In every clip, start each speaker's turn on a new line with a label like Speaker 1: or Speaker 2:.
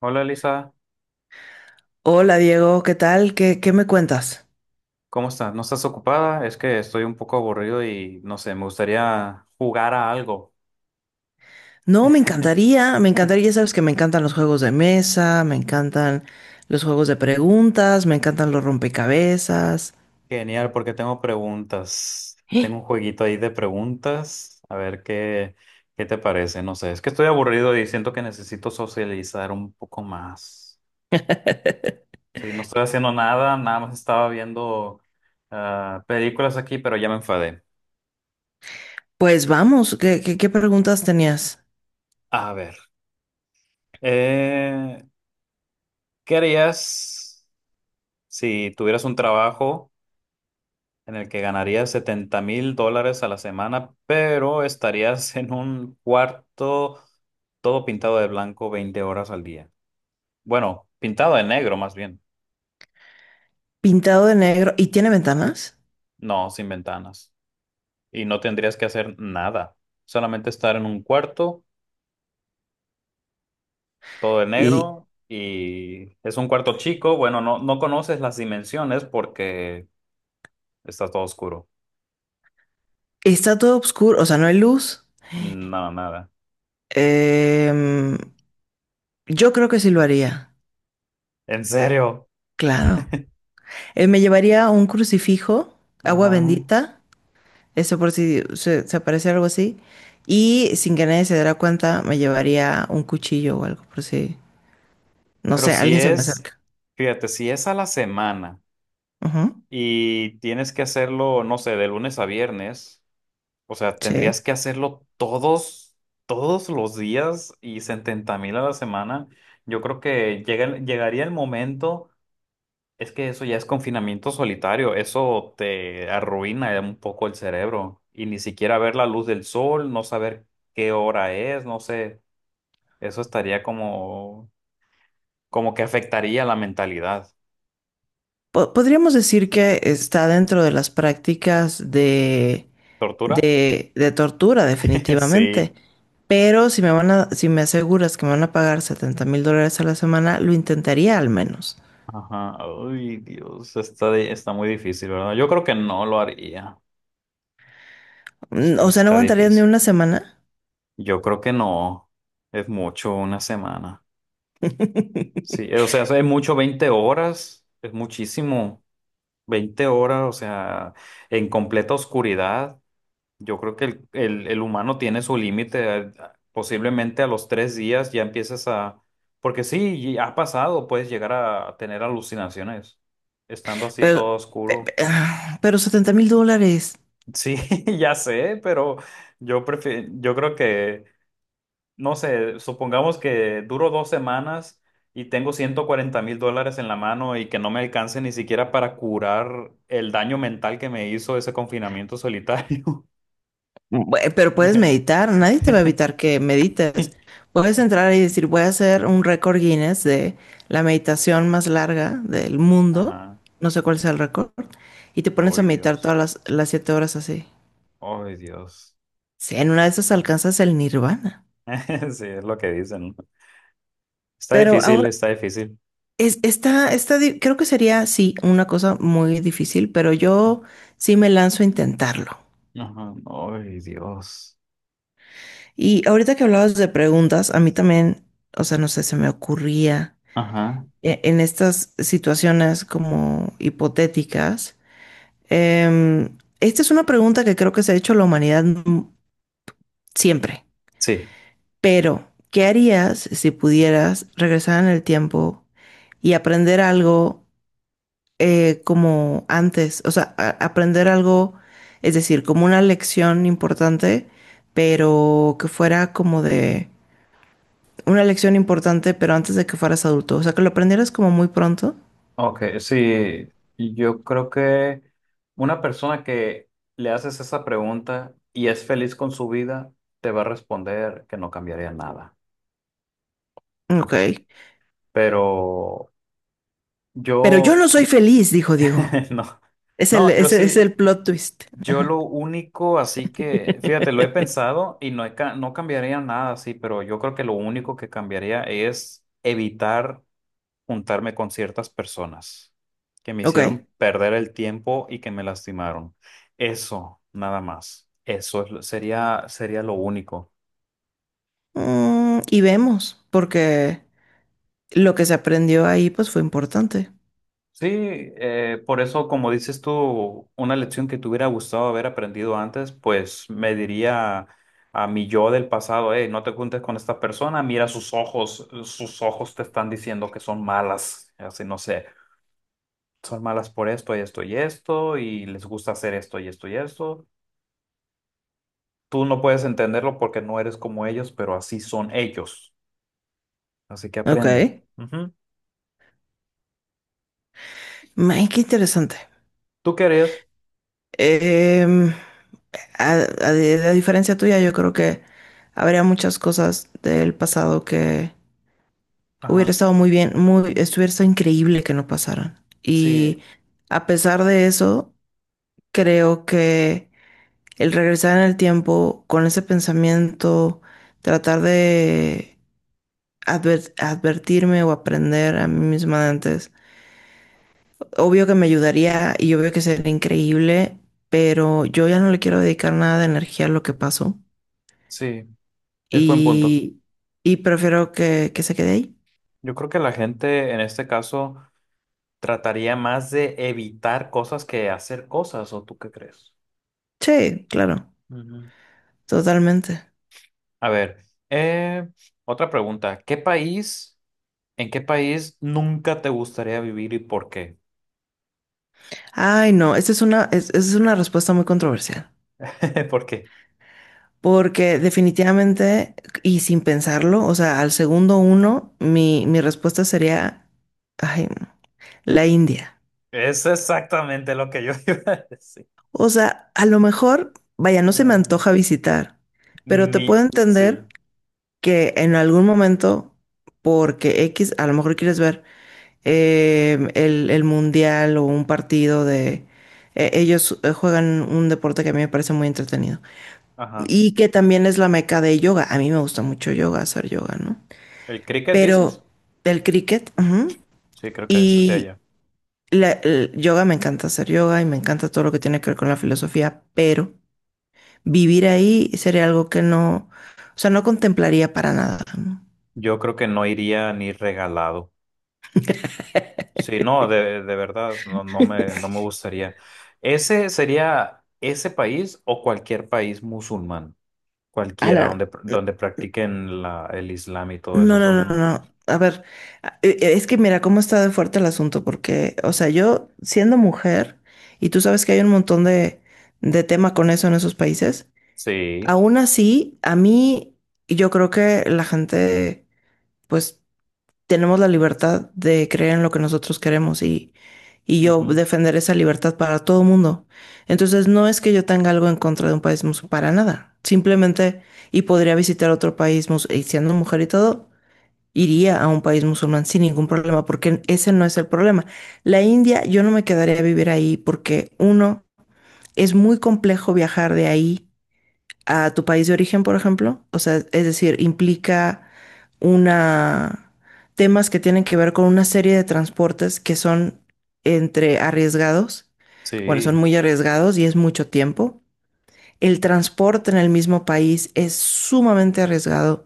Speaker 1: Hola Lisa,
Speaker 2: Hola Diego, ¿qué tal? ¿Qué me cuentas?
Speaker 1: ¿cómo estás? ¿No estás ocupada? Es que estoy un poco aburrido y no sé, me gustaría jugar a algo.
Speaker 2: No, me encantaría, ya sabes que me encantan los juegos de mesa, me encantan los juegos de preguntas, me encantan los rompecabezas.
Speaker 1: Genial, porque tengo preguntas. Tengo un
Speaker 2: ¡Eh!
Speaker 1: jueguito ahí de preguntas. A ver qué te parece. No sé, es que estoy aburrido y siento que necesito socializar un poco más. Sí, no estoy haciendo nada, nada más estaba viendo películas aquí, pero ya me enfadé.
Speaker 2: Pues vamos, ¿qué preguntas tenías?
Speaker 1: A ver, eh, ¿qué harías si tuvieras un trabajo en el que ganarías $70,000 a la semana, pero estarías en un cuarto todo pintado de blanco 20 horas al día? Bueno, pintado de negro más bien,
Speaker 2: Pintado de negro y tiene ventanas
Speaker 1: no, sin ventanas. Y no tendrías que hacer nada, solamente estar en un cuarto todo de
Speaker 2: y
Speaker 1: negro y es un cuarto chico, bueno, no, no conoces las dimensiones porque está todo oscuro.
Speaker 2: está todo oscuro, o sea, no hay luz.
Speaker 1: No, nada.
Speaker 2: Em, yo creo que sí lo haría,
Speaker 1: ¿En serio?
Speaker 2: claro. Me llevaría un crucifijo, agua
Speaker 1: Ajá.
Speaker 2: bendita. Eso por si se aparece algo así. Y sin que nadie se diera cuenta, me llevaría un cuchillo o algo, por si, no
Speaker 1: Pero
Speaker 2: sé,
Speaker 1: si
Speaker 2: alguien se me
Speaker 1: es,
Speaker 2: acerca.
Speaker 1: fíjate, si es a la semana.
Speaker 2: Ujú,
Speaker 1: Y tienes que hacerlo, no sé, de lunes a viernes. O sea,
Speaker 2: sí.
Speaker 1: tendrías que hacerlo todos los días, y 70,000 a la semana. Yo creo que llegaría el momento. Es que eso ya es confinamiento solitario, eso te arruina un poco el cerebro. Y ni siquiera ver la luz del sol, no saber qué hora es, no sé, eso estaría como que afectaría la mentalidad.
Speaker 2: Podríamos decir que está dentro de las prácticas de,
Speaker 1: ¿Tortura?
Speaker 2: de tortura,
Speaker 1: Sí.
Speaker 2: definitivamente. Pero si me aseguras que me van a pagar $70,000 a la semana, lo intentaría al menos.
Speaker 1: Ajá. Ay, Dios, está muy difícil, ¿verdad? Yo creo que no lo haría. Sí,
Speaker 2: O sea, no
Speaker 1: está
Speaker 2: aguantaría ni
Speaker 1: difícil.
Speaker 2: una semana.
Speaker 1: Yo creo que no. Es mucho una semana. Sí, o sea, es mucho 20 horas. Es muchísimo. 20 horas, o sea, en completa oscuridad. Yo creo que el humano tiene su límite. Posiblemente a los 3 días ya empiezas a... Porque sí, y ha pasado, puedes llegar a tener alucinaciones. Estando así
Speaker 2: Pero,
Speaker 1: todo
Speaker 2: pe- pe-
Speaker 1: oscuro.
Speaker 2: ah, pero 70 mil dólares.
Speaker 1: Sí, ya sé, pero yo prefiero, yo creo que, no sé, supongamos que duro 2 semanas y tengo $140,000 en la mano y que no me alcance ni siquiera para curar el daño mental que me hizo ese confinamiento solitario.
Speaker 2: Pero puedes meditar, nadie te va a evitar que medites. Puedes entrar y decir, voy a hacer un récord Guinness de la meditación más larga del mundo,
Speaker 1: Ajá.
Speaker 2: no sé cuál sea el récord, y te pones a
Speaker 1: Ay,
Speaker 2: meditar
Speaker 1: Dios.
Speaker 2: todas las 7 horas así.
Speaker 1: Ay, Dios.
Speaker 2: Sí, en una de
Speaker 1: Sí.
Speaker 2: esas alcanzas el nirvana.
Speaker 1: Sí, es lo que dicen, ¿no? Está
Speaker 2: Pero
Speaker 1: difícil,
Speaker 2: ahora,
Speaker 1: está difícil.
Speaker 2: es, está esta di- creo que sería, sí, una cosa muy difícil, pero yo sí me lanzo a intentarlo.
Speaker 1: Ajá. Ay, Dios.
Speaker 2: Y ahorita que hablabas de preguntas, a mí también, o sea, no sé, se me ocurría.
Speaker 1: Ajá.
Speaker 2: En estas situaciones como hipotéticas. Esta es una pregunta que creo que se ha hecho la humanidad siempre,
Speaker 1: Sí.
Speaker 2: pero ¿qué harías si pudieras regresar en el tiempo y aprender algo como antes? O sea, aprender algo, es decir, como una lección importante, pero que fuera como de una lección importante, pero antes de que fueras adulto. O sea, que lo aprendieras como muy pronto.
Speaker 1: Ok, sí, yo creo que una persona que le haces esa pregunta y es feliz con su vida, te va a responder que no cambiaría nada. Porque es-
Speaker 2: Ok.
Speaker 1: Pero
Speaker 2: Pero yo
Speaker 1: yo
Speaker 2: no soy
Speaker 1: sí.
Speaker 2: feliz, dijo Diego.
Speaker 1: No,
Speaker 2: Es el,
Speaker 1: no, yo
Speaker 2: ese es
Speaker 1: sí,
Speaker 2: el plot twist.
Speaker 1: yo lo único, así que, fíjate, lo he pensado y no, no cambiaría nada, sí, pero yo creo que lo único que cambiaría es evitar juntarme con ciertas personas que me hicieron
Speaker 2: Ok.
Speaker 1: perder el tiempo y que me lastimaron. Eso, nada más. Eso es sería lo único.
Speaker 2: Y vemos, porque lo que se aprendió ahí pues fue importante.
Speaker 1: Sí, por eso, como dices tú, una lección que te hubiera gustado haber aprendido antes, pues me diría a mi yo del pasado: hey, no te juntes con esta persona, mira sus ojos te están diciendo que son malas, así no sé, son malas por esto y esto y esto, y les gusta hacer esto y esto y esto. Tú no puedes entenderlo porque no eres como ellos, pero así son ellos. Así que
Speaker 2: Ok.
Speaker 1: aprende.
Speaker 2: ¡Ay,
Speaker 1: Ujú.
Speaker 2: qué interesante!
Speaker 1: ¿Tú qué harías?
Speaker 2: Em, a, Diferencia tuya, yo creo que habría muchas cosas del pasado que hubiera
Speaker 1: Ajá.
Speaker 2: estado muy bien, muy, estuviera estado increíble que no pasaran.
Speaker 1: Sí,
Speaker 2: Y a pesar de eso, creo que el regresar en el tiempo con ese pensamiento, tratar de advertirme o aprender a mí misma de antes. Obvio que me ayudaría y obvio que sería increíble, pero yo ya no le quiero dedicar nada de energía a lo que pasó
Speaker 1: sí, es buen punto.
Speaker 2: y, y prefiero que se quede ahí.
Speaker 1: Yo creo que la gente en este caso trataría más de evitar cosas que hacer cosas, ¿o tú qué crees?
Speaker 2: Sí, claro,
Speaker 1: Ujú.
Speaker 2: totalmente.
Speaker 1: A ver, eh, otra pregunta. ¿Qué país, en qué país nunca te gustaría vivir y por qué?
Speaker 2: Ay, no, esta es una respuesta muy controversial.
Speaker 1: ¿Por qué?
Speaker 2: Porque definitivamente, y sin pensarlo, o sea, al segundo uno, mi respuesta sería, ay, no, la India.
Speaker 1: Es exactamente lo que yo iba a decir.
Speaker 2: O sea, a lo mejor, vaya, no se me
Speaker 1: La-
Speaker 2: antoja visitar, pero te
Speaker 1: Ni,
Speaker 2: puedo
Speaker 1: sí,
Speaker 2: entender que en algún momento, porque X, a lo mejor quieres ver el mundial o un partido de... ellos juegan un deporte que a mí me parece muy entretenido.
Speaker 1: ajá.
Speaker 2: Y que también es la meca de yoga. A mí me gusta mucho yoga, hacer yoga, ¿no?
Speaker 1: ¿El cricket dices?
Speaker 2: Pero del cricket, ajá,
Speaker 1: Sí, creo que es de
Speaker 2: y
Speaker 1: allá.
Speaker 2: el yoga me encanta hacer yoga y me encanta todo lo que tiene que ver con la filosofía, pero vivir ahí sería algo que no, o sea, no contemplaría para nada, ¿no?
Speaker 1: Yo creo que no iría ni regalado. Sí, no, de verdad, no, no me gustaría. ¿Ese sería ese país o cualquier país musulmán? Cualquiera,
Speaker 2: Alan,
Speaker 1: donde practiquen el Islam y todo eso.
Speaker 2: no, no, no, no,
Speaker 1: Son,
Speaker 2: no. A ver, es que mira cómo está de fuerte el asunto, porque, o sea, yo siendo mujer, y tú sabes que hay un montón de, tema con eso en esos países,
Speaker 1: sí,
Speaker 2: aún así, a mí, yo creo que la gente, pues, tenemos la libertad de creer en lo que nosotros queremos y yo
Speaker 1: ujú,
Speaker 2: defender esa libertad para todo el mundo. Entonces, no es que yo tenga algo en contra de un país musulmán, para nada. Simplemente, y podría visitar otro país musulmán y siendo mujer y todo, iría a un país musulmán sin ningún problema, porque ese no es el problema. La India, yo no me quedaría a vivir ahí porque, uno, es muy complejo viajar de ahí a tu país de origen, por ejemplo. O sea, es decir, implica una temas que tienen que ver con una serie de transportes que son entre arriesgados, bueno, son
Speaker 1: sí,
Speaker 2: muy arriesgados y es mucho tiempo. El transporte en el mismo país es sumamente arriesgado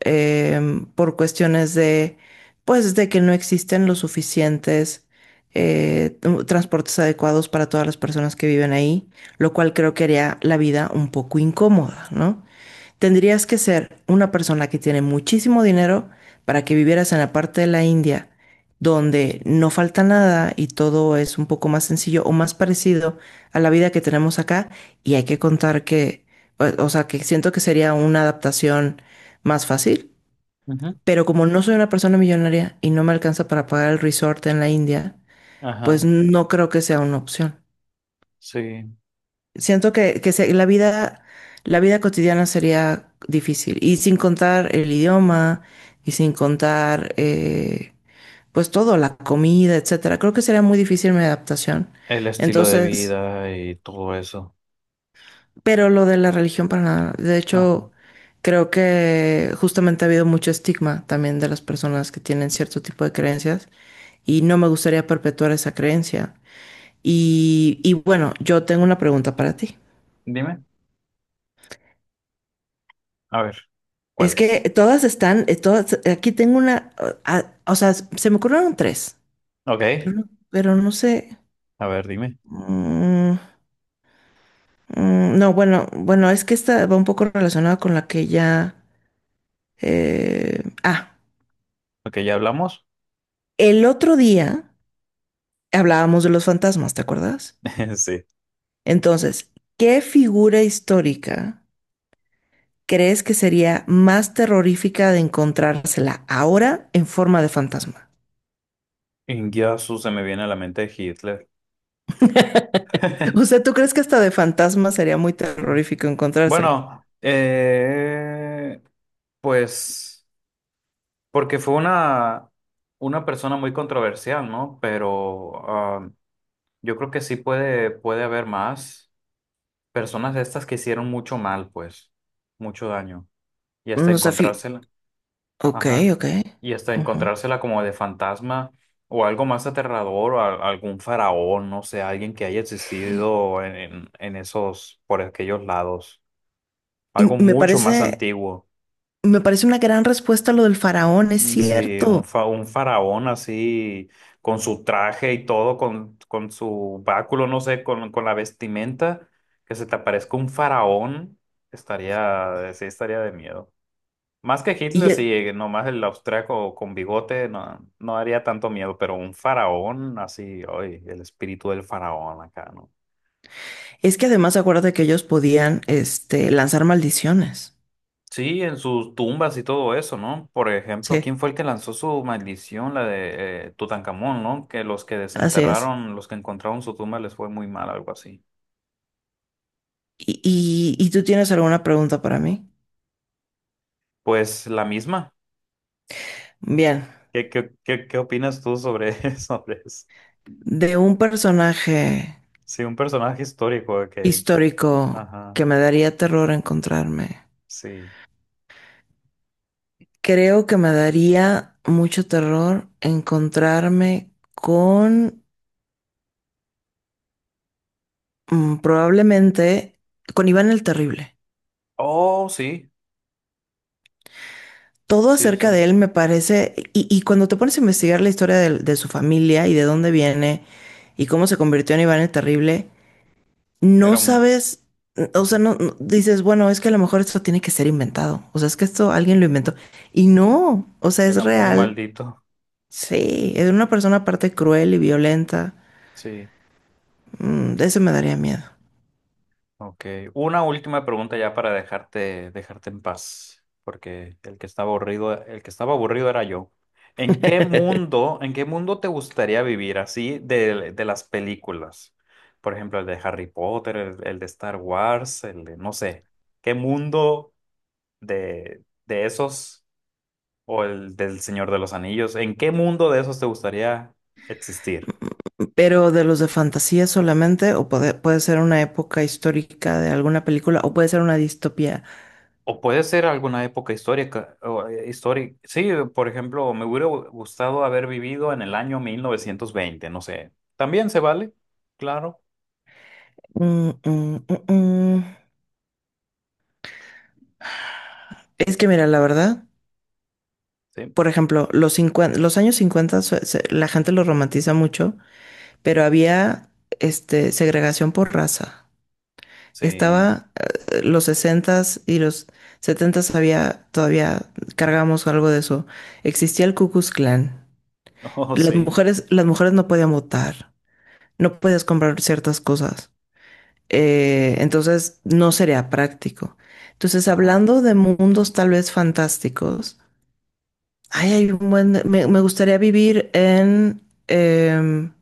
Speaker 2: por cuestiones de, pues, de que no existen los suficientes transportes adecuados para todas las personas que viven ahí, lo cual creo que haría la vida un poco incómoda, ¿no? Tendrías que ser una persona que tiene muchísimo dinero para que vivieras en la parte de la India donde no falta nada y todo es un poco más sencillo o más parecido a la vida que tenemos acá. Y hay que contar que, o sea, que siento que sería una adaptación más fácil.
Speaker 1: ujú,
Speaker 2: Pero como no soy una persona millonaria y no me alcanza para pagar el resort en la India, pues
Speaker 1: ajá,
Speaker 2: no creo que sea una opción.
Speaker 1: sí.
Speaker 2: Siento que se- la vida cotidiana sería difícil. Y sin contar el idioma, y sin contar, pues todo, la comida, etcétera. Creo que sería muy difícil mi adaptación.
Speaker 1: El estilo de
Speaker 2: Entonces,
Speaker 1: vida y todo eso.
Speaker 2: pero lo de la religión para nada. De
Speaker 1: Ajá.
Speaker 2: hecho, creo que justamente ha habido mucho estigma también de las personas que tienen cierto tipo de creencias. Y no me gustaría perpetuar esa creencia. Y bueno, yo tengo una pregunta para ti.
Speaker 1: Dime, a ver,
Speaker 2: Es
Speaker 1: ¿cuál
Speaker 2: que
Speaker 1: es?
Speaker 2: todas están, todas, aquí tengo una, o sea, se me ocurrieron tres,
Speaker 1: Ok,
Speaker 2: pero, pero no sé.
Speaker 1: a ver, dime.
Speaker 2: Mm, no, bueno, bueno, es que esta va un poco relacionada con la que ya... eh, ah,
Speaker 1: Ok, ¿ya hablamos?
Speaker 2: el otro día hablábamos de los fantasmas, ¿te acuerdas?
Speaker 1: Sí.
Speaker 2: Entonces, ¿qué figura histórica crees que sería más terrorífica de encontrársela ahora en forma de fantasma?
Speaker 1: Ingiasu se me viene a la mente Hitler.
Speaker 2: O sea, ¿tú crees que hasta de fantasma sería muy terrorífico encontrárselo?
Speaker 1: Bueno, pues porque fue una persona muy controversial, ¿no? Pero yo creo que sí puede haber más personas de estas que hicieron mucho mal, pues, mucho daño. Y hasta
Speaker 2: Nos sé,
Speaker 1: encontrársela,
Speaker 2: ok,
Speaker 1: ajá.
Speaker 2: ok.
Speaker 1: Y hasta
Speaker 2: Ujú.
Speaker 1: encontrársela como de fantasma o algo más aterrador, o algún faraón, no sé, alguien que haya existido en esos, por aquellos lados.
Speaker 2: Y
Speaker 1: Algo mucho más antiguo.
Speaker 2: me parece una gran respuesta lo del faraón, es
Speaker 1: Mm, sí,
Speaker 2: cierto.
Speaker 1: un faraón así, con su traje y todo, con su báculo, no sé, con la vestimenta, que se te aparezca un faraón, estaría, sí, estaría de miedo. Más que Hitler,
Speaker 2: Y
Speaker 1: sí, nomás el austriaco con bigote no, no haría tanto miedo, pero un faraón así, oye, el espíritu del faraón acá, ¿no?
Speaker 2: es que además acuérdate que ellos podían, este, lanzar maldiciones.
Speaker 1: Sí, en sus tumbas y todo eso, ¿no? Por ejemplo,
Speaker 2: Sí,
Speaker 1: ¿quién fue el que lanzó su maldición, la de Tutankamón? ¿No? Que los que
Speaker 2: así es.
Speaker 1: desenterraron, los que encontraron su tumba, les fue muy mal, algo así.
Speaker 2: ¿Y tú tienes alguna pregunta para mí?
Speaker 1: Pues la misma.
Speaker 2: Bien,
Speaker 1: ¿Qué opinas tú sobre, sobre eso?
Speaker 2: de un personaje
Speaker 1: Sí, un personaje histórico de que...
Speaker 2: histórico
Speaker 1: Ajá,
Speaker 2: que me daría terror encontrarme.
Speaker 1: sí.
Speaker 2: Creo que me daría mucho terror encontrarme con probablemente con Iván el Terrible.
Speaker 1: Oh, sí,
Speaker 2: Todo
Speaker 1: sí,
Speaker 2: acerca
Speaker 1: sí.
Speaker 2: de él me parece, y cuando te pones a investigar la historia su familia y de dónde viene y cómo se convirtió en Iván el Terrible, no
Speaker 1: Era, mu-
Speaker 2: sabes, o sea, dices, bueno, es que a lo mejor esto tiene que ser inventado, o sea, es que esto alguien lo inventó. Y no, o sea, es
Speaker 1: Era muy
Speaker 2: real.
Speaker 1: maldito.
Speaker 2: Sí, es una persona aparte cruel y violenta.
Speaker 1: Sí.
Speaker 2: De ese me daría miedo.
Speaker 1: Ok, una última pregunta ya para dejarte, dejarte en paz, porque el que estaba aburrido, el que estaba aburrido era yo. En qué mundo te gustaría vivir así de, las películas? Por ejemplo, el de Harry Potter, el de Star Wars, el de, no sé, ¿qué mundo de esos o el del Señor de los Anillos? ¿En qué mundo de esos te gustaría existir?
Speaker 2: Pero de los de fantasía solamente, o puede, puede ser una época histórica de alguna película, o puede ser una distopía.
Speaker 1: O puede ser alguna época histórica, o, histórica. Sí, por ejemplo, me hubiera gustado haber vivido en el año 1920, no sé. También se vale, claro.
Speaker 2: Mm, mm, mm, mm. Es que mira, la verdad,
Speaker 1: Sí,
Speaker 2: por ejemplo, los cincuenta, los años 50 se- se- la gente lo romantiza mucho, pero había este, segregación por raza.
Speaker 1: sí.
Speaker 2: Estaba los sesentas y los setentas había, todavía cargamos algo de eso. Existía el Ku Klux Klan.
Speaker 1: Oh, sí.
Speaker 2: Las mujeres no podían votar, no puedes comprar ciertas cosas. Entonces no sería práctico. Entonces,
Speaker 1: Ajá,
Speaker 2: hablando de mundos tal vez fantásticos, ay, hay un buen, me, gustaría vivir en, em,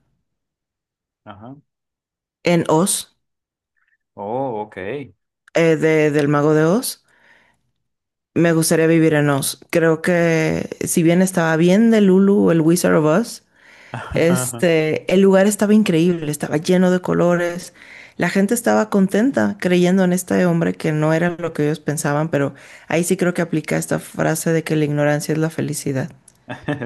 Speaker 1: ajá.
Speaker 2: en Oz,
Speaker 1: Oh, ok.
Speaker 2: del Mago de Oz. Me gustaría vivir en Oz. Creo que si bien estaba bien de Lulu, el Wizard of Oz. Este, el lugar estaba increíble, estaba lleno de colores. La gente estaba contenta creyendo en este hombre que no era lo que ellos pensaban, pero ahí sí creo que aplica esta frase de que la ignorancia es la felicidad.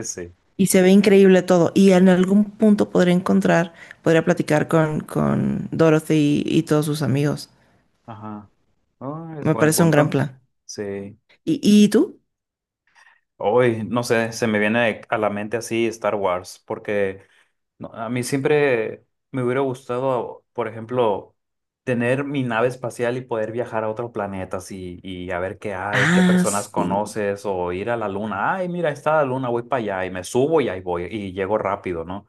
Speaker 1: Sí,
Speaker 2: Y se ve increíble todo. Y en algún punto podría encontrar, podría platicar con Dorothy y todos sus amigos.
Speaker 1: ajá. Oh, es
Speaker 2: Me
Speaker 1: buen
Speaker 2: parece un gran
Speaker 1: punto.
Speaker 2: plan.
Speaker 1: Sí.
Speaker 2: Y tú?
Speaker 1: Hoy, no sé, se me viene a la mente así Star Wars, porque no, a mí siempre me hubiera gustado, por ejemplo, tener mi nave espacial y poder viajar a otros planetas y, a ver qué hay, qué
Speaker 2: Ah,
Speaker 1: personas
Speaker 2: sí.
Speaker 1: conoces, o ir a la luna. Ay, mira, ahí está la luna, voy para allá y me subo y ahí voy y llego rápido, ¿no?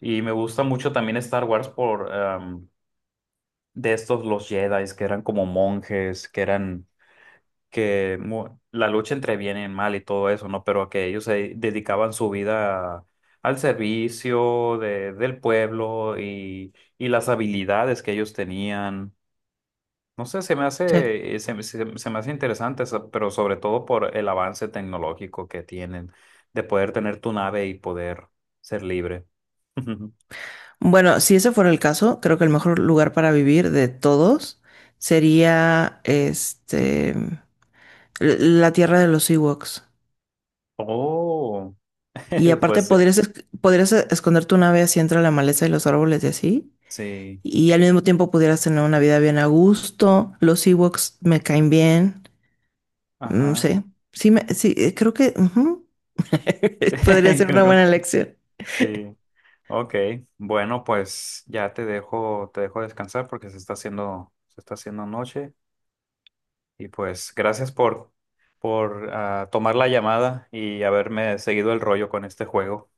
Speaker 1: Y me gusta mucho también Star Wars por de estos los Jedi, que eran como monjes, que eran la lucha entre bien y mal y todo eso, ¿no? Pero que ellos se dedicaban su vida al servicio del pueblo, y, las habilidades que ellos tenían. No sé, se me
Speaker 2: Sí.
Speaker 1: hace, se me hace interesante, pero sobre todo por el avance tecnológico que tienen, de poder tener tu nave y poder ser libre.
Speaker 2: Bueno, si ese fuera el caso, creo que el mejor lugar para vivir de todos sería este la tierra de los Ewoks.
Speaker 1: Oh,
Speaker 2: Y aparte
Speaker 1: pues sí,
Speaker 2: podrías, podrías esconder tu nave así entre la maleza y los árboles y así.
Speaker 1: sí,
Speaker 2: Y al mismo tiempo pudieras tener una vida bien a gusto. Los Ewoks me caen bien. Mm,
Speaker 1: ajá.
Speaker 2: sí. Sí, sí, creo que ujú. Podría ser una buena elección.
Speaker 1: Sí. Ok, bueno, pues ya te dejo, descansar porque se está haciendo noche, y pues gracias por tomar la llamada y haberme seguido el rollo con este juego.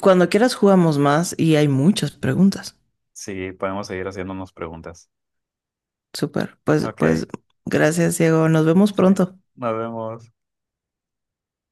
Speaker 2: Cuando quieras jugamos más y hay muchas preguntas.
Speaker 1: Sí, podemos seguir haciéndonos preguntas.
Speaker 2: Súper. Pues, pues,
Speaker 1: Ok,
Speaker 2: gracias, Diego. Nos vemos
Speaker 1: sí,
Speaker 2: pronto.
Speaker 1: nos vemos.